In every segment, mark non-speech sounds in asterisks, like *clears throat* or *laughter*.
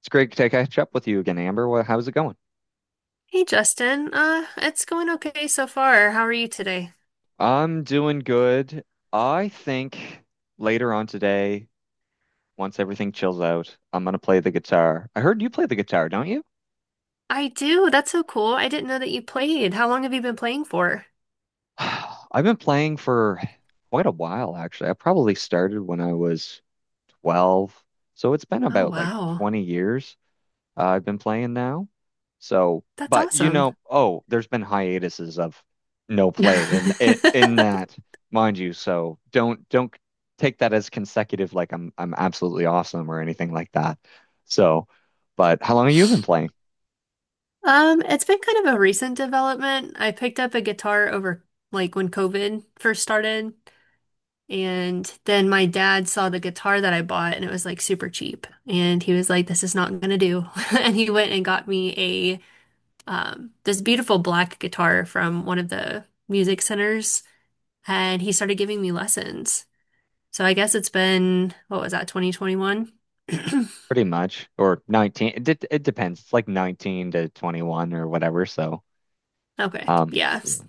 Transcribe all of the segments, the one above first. It's great to catch up with you again, Amber. Well, how's it going? Hey Justin, it's going okay so far. How are you today? I'm doing good. I think later on today, once everything chills out, I'm gonna play the guitar. I heard you play the guitar, don't you? I do. That's so cool. I didn't know that you played. How long have you been playing for? *sighs* I've been playing for quite a while, actually. I probably started when I was 12, so it's been Oh about like wow. 20 years. I've been playing now. So, That's but you awesome. know, oh, there's been hiatuses of no play in *laughs* that, mind you. So don't take that as consecutive, like I'm absolutely awesome or anything like that. So, but how long have you been playing? It's been kind of a recent development. I picked up a guitar over like when COVID first started, and then my dad saw the guitar that I bought and it was like super cheap. And he was like, This is not gonna do. *laughs* And he went and got me this beautiful black guitar from one of the music centers, and he started giving me lessons. So I guess it's been, what was that, 2021? *clears throat* Pretty much, or 19. It depends. It's like 19 to 21 or whatever. So, Okay, um, yes.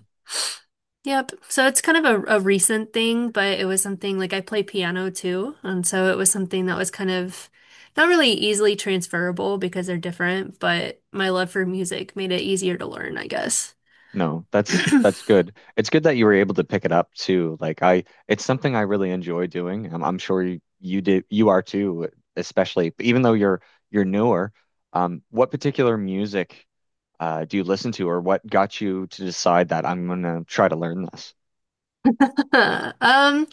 Yep. So it's kind of a recent thing, but it was something like I play piano too. And so it was something that was kind of not really easily transferable because they're different, but my love for music made it easier to learn, I guess. no, that's *clears throat* good. It's good that you were able to pick it up too. Like I, it's something I really enjoy doing. I'm sure you did, you are too, especially even though you're newer. What particular music do you listen to, or what got you to decide that I'm gonna try to learn this? Um,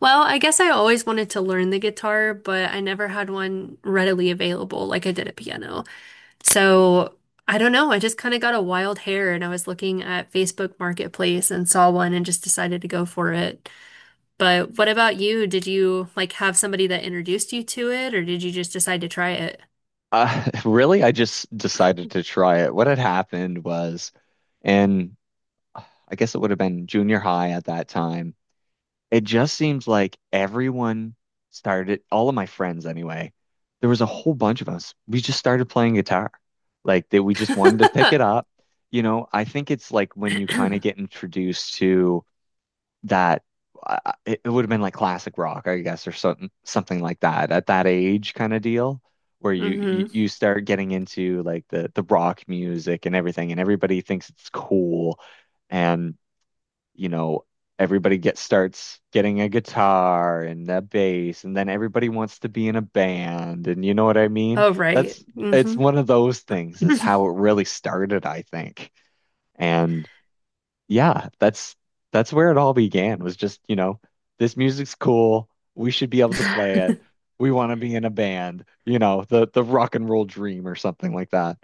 Well, I guess I always wanted to learn the guitar, but I never had one readily available like I did a piano. So I don't know. I just kind of got a wild hair and I was looking at Facebook Marketplace and saw one and just decided to go for it. But what about you? Did you like have somebody that introduced you to it or did you just decide to try it? *laughs* Really, I just decided to try it. What had happened was, and I guess it would have been junior high at that time. It just seems like everyone started, all of my friends anyway, there was a whole bunch of us. We just started playing guitar. Like that we just wanted to pick it *laughs* up. You know, I think it's like when you kind of get introduced to that uh, it would have been like classic rock, I guess, or something like that at that age kind of deal where you, you Mm-hmm. you start getting into like the rock music and everything and everybody thinks it's cool. And you know, everybody get starts getting a guitar and a bass, and then everybody wants to be in a band, and you know what I mean? Oh, right. That's it's Mm-hmm. one of those things is how *laughs* it really started, I think. And yeah, that's where it all began was just, you know, this music's cool. We should be able to play it. We want to be in a band, you know, the rock and roll dream or something like that.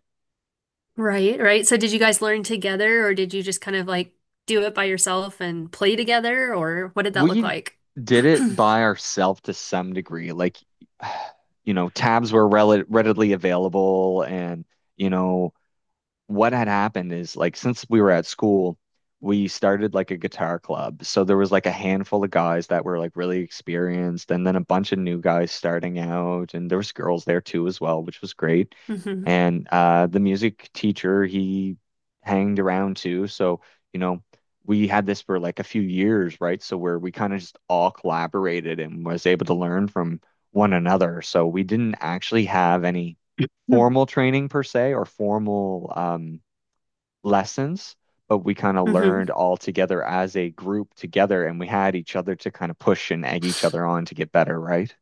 Right, right. So did you guys learn together or did you just kind of like do it by yourself and play together or what did that look We like? *clears throat* did it by ourselves to some degree. Like, *sighs* you know, tabs were rel readily available and, you know, what had happened is like since we were at school, we started like a guitar club. So there was like a handful of guys that were like really experienced, and then a bunch of new guys starting out, and there was girls there too as well, which was great. hmm And the music teacher, he hanged around too. So, you know, we had this for like a few years, right? So where we kind of just all collaborated and was able to learn from one another. So we didn't actually have any formal training per se or formal lessons, but we kind of hmm learned all together as a group together and we had each other to kind of push and egg each other on to get better, right?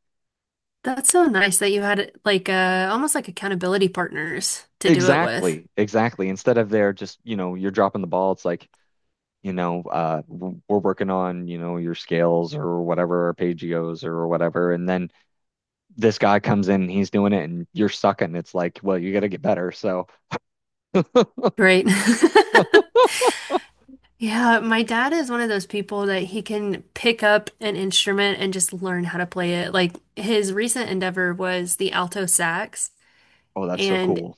That's so nice that you had like almost like accountability partners to do it with. Exactly, exactly. Instead of there just, you know, you're dropping the ball, it's like, you know, we're working on, you know, your scales or whatever, arpeggios or whatever. And then this guy comes in, he's doing it and you're sucking. It's like, well, you got to get better. So, Great. *laughs* *laughs* oh, Yeah, my dad is one of those people that he can pick up an instrument and just learn how to play it. Like his recent endeavor was the alto sax, that's so and cool.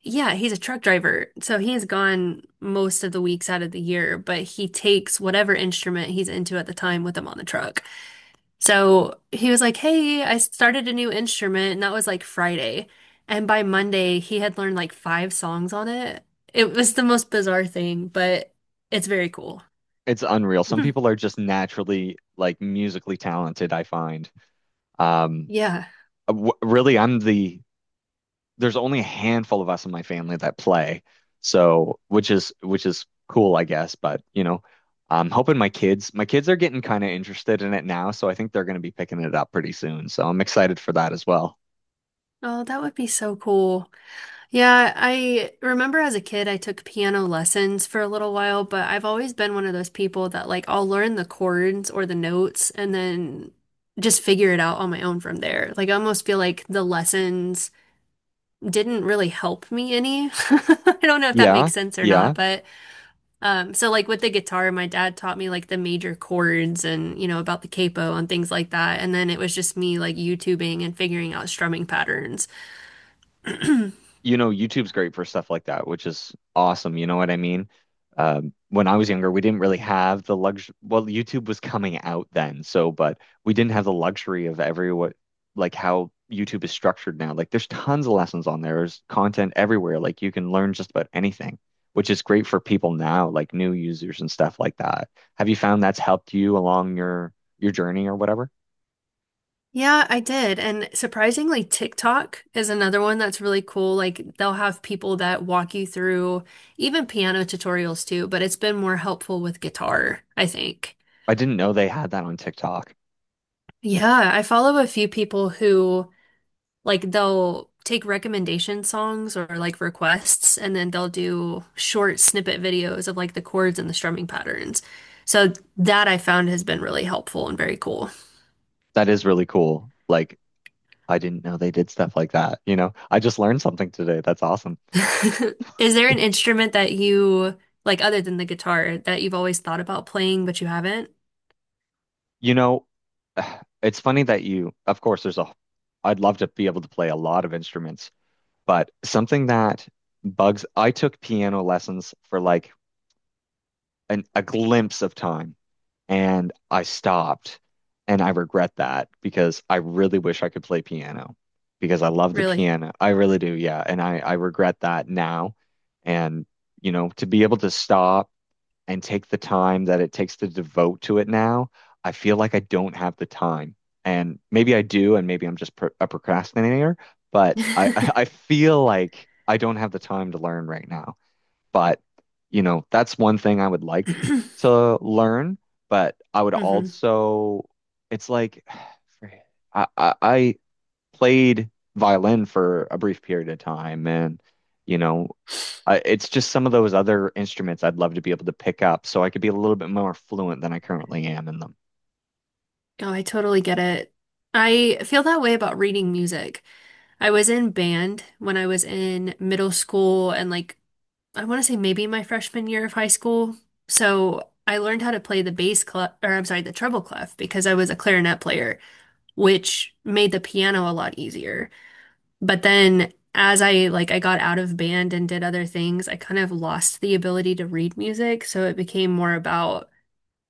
yeah, he's a truck driver. So he is gone most of the weeks out of the year, but he takes whatever instrument he's into at the time with him on the truck. So he was like, Hey, I started a new instrument. And that was like Friday. And by Monday, he had learned like five songs on it. It was the most bizarre thing, but it's very cool. It's unreal. Some *laughs* people are just naturally like musically talented, I find. Um, Yeah. w really, I'm there's only a handful of us in my family that play. So, which is cool, I guess, but you know, I'm hoping my kids are getting kind of interested in it now, so I think they're going to be picking it up pretty soon. So, I'm excited for that as well. Oh, that would be so cool. Yeah, I remember as a kid, I took piano lessons for a little while, but I've always been one of those people that like I'll learn the chords or the notes and then just figure it out on my own from there. Like I almost feel like the lessons didn't really help me any. *laughs* I don't know if that Yeah. makes sense or not, Yeah. but so like with the guitar, my dad taught me like the major chords and you know about the capo and things like that, and then it was just me like YouTubing and figuring out strumming patterns. You know, YouTube's great for stuff like that, which is awesome. You know what I mean? When I was younger, we didn't really have the luxury. Well, YouTube was coming out then, so but we didn't have the luxury of every what like how YouTube is structured now. Like, there's tons of lessons on there. There's content everywhere. Like, you can learn just about anything, which is great for people now, like new users and stuff like that. Have you found that's helped you along your journey or whatever? Yeah, I did. And surprisingly, TikTok is another one that's really cool. Like they'll have people that walk you through even piano tutorials too, but it's been more helpful with guitar, I think. I didn't know they had that on TikTok. Yeah, I follow a few people who like they'll take recommendation songs or like requests and then they'll do short snippet videos of like the chords and the strumming patterns. So that I found has been really helpful and very cool. That is really cool. Like I didn't know they did stuff like that. You know, I just learned something today. That's awesome. *laughs* Is there an instrument that you like other than the guitar that you've always thought about playing but you haven't? You know, *sighs* it's funny that you, of course, there's I'd love to be able to play a lot of instruments, but something that I took piano lessons for like a glimpse of time and I stopped. And I regret that because I really wish I could play piano because I love the Really? piano. I really do. Yeah. And I regret that now. And, you know, to be able to stop and take the time that it takes to devote to it now, I feel like I don't have the time. And maybe I do, and maybe I'm just pro a procrastinator, but I, *laughs* I *clears throat* I feel like I don't have the time to learn right now. But, you know, that's one thing I would like *laughs* to learn, but I would hmm also, it's like, *sighs* for- I played violin for a brief period of time and, you know, it's just some of those other instruments I'd love to be able to pick up so I could be a little bit more fluent than I currently am in them. Oh, I totally get it. I feel that way about reading music. I was in band when I was in middle school and like I want to say maybe my freshman year of high school. So I learned how to play the bass clef, or I'm sorry, the treble clef because I was a clarinet player, which made the piano a lot easier. But then as I like I got out of band and did other things, I kind of lost the ability to read music, so it became more about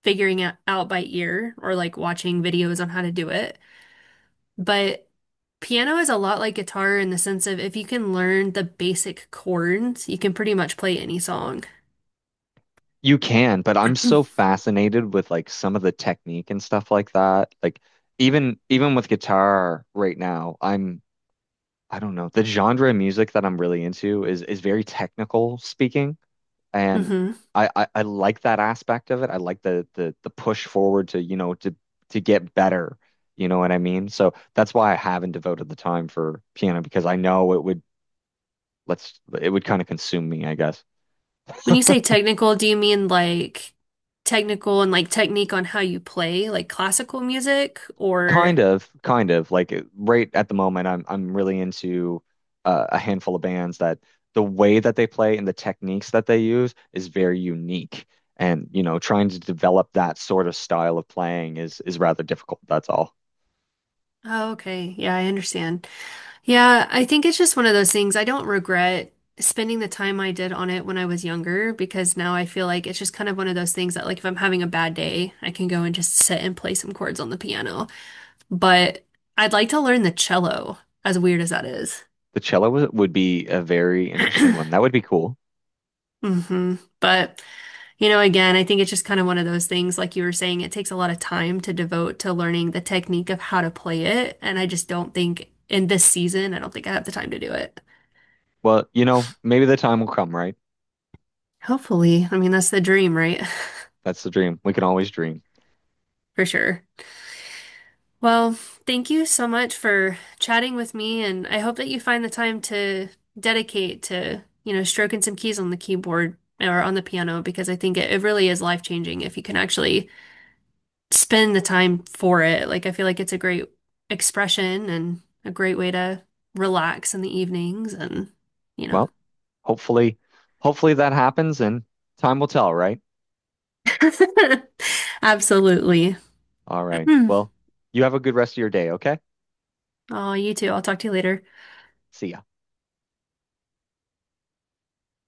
figuring it out by ear or like watching videos on how to do it. But piano is a lot like guitar in the sense of if you can learn the basic chords, you can pretty much play any song. You can, but I'm so *clears throat* fascinated with like some of the technique and stuff like that. Like even with guitar right now, I don't know, the genre of music that I'm really into is very technical speaking. And hmm I like that aspect of it. I like the push forward to, you know, to get better. You know what I mean? So that's why I haven't devoted the time for piano because I know it would let's it would kind of consume me, I guess. When you say technical, do you mean like technical and like technique on how you play, like classical music or Kind of like right at the moment I'm really into a handful of bands that the way that they play and the techniques that they use is very unique. And, you know, trying to develop that sort of style of playing is rather difficult. That's all. oh, okay. Yeah, I understand. Yeah, I think it's just one of those things. I don't regret spending the time I did on it when I was younger because now I feel like it's just kind of one of those things that, like, if I'm having a bad day, I can go and just sit and play some chords on the piano. But I'd like to learn the cello, as weird as that is. The cello would be a very interesting one. *clears throat* That would be cool. hmm But, you know, again, I think it's just kind of one of those things, like you were saying, it takes a lot of time to devote to learning the technique of how to play it. And I just don't think in this season, I don't think I have the time to do it. Well, you know, maybe the time will come, right? Hopefully. I mean, that's the dream, right? *laughs* That's the dream. We can always dream. For sure. Well, thank you so much for chatting with me, and I hope that you find the time to dedicate to, you know, stroking some keys on the keyboard or on the piano because I think it really is life-changing if you can actually spend the time for it. Like, I feel like it's a great expression and a great way to relax in the evenings and, you know. Well, hopefully, hopefully that happens and time will tell, right? *laughs* Absolutely. All right. *clears throat* Well, you have a good rest of your day, okay? Oh, you too. I'll talk to you later. See ya.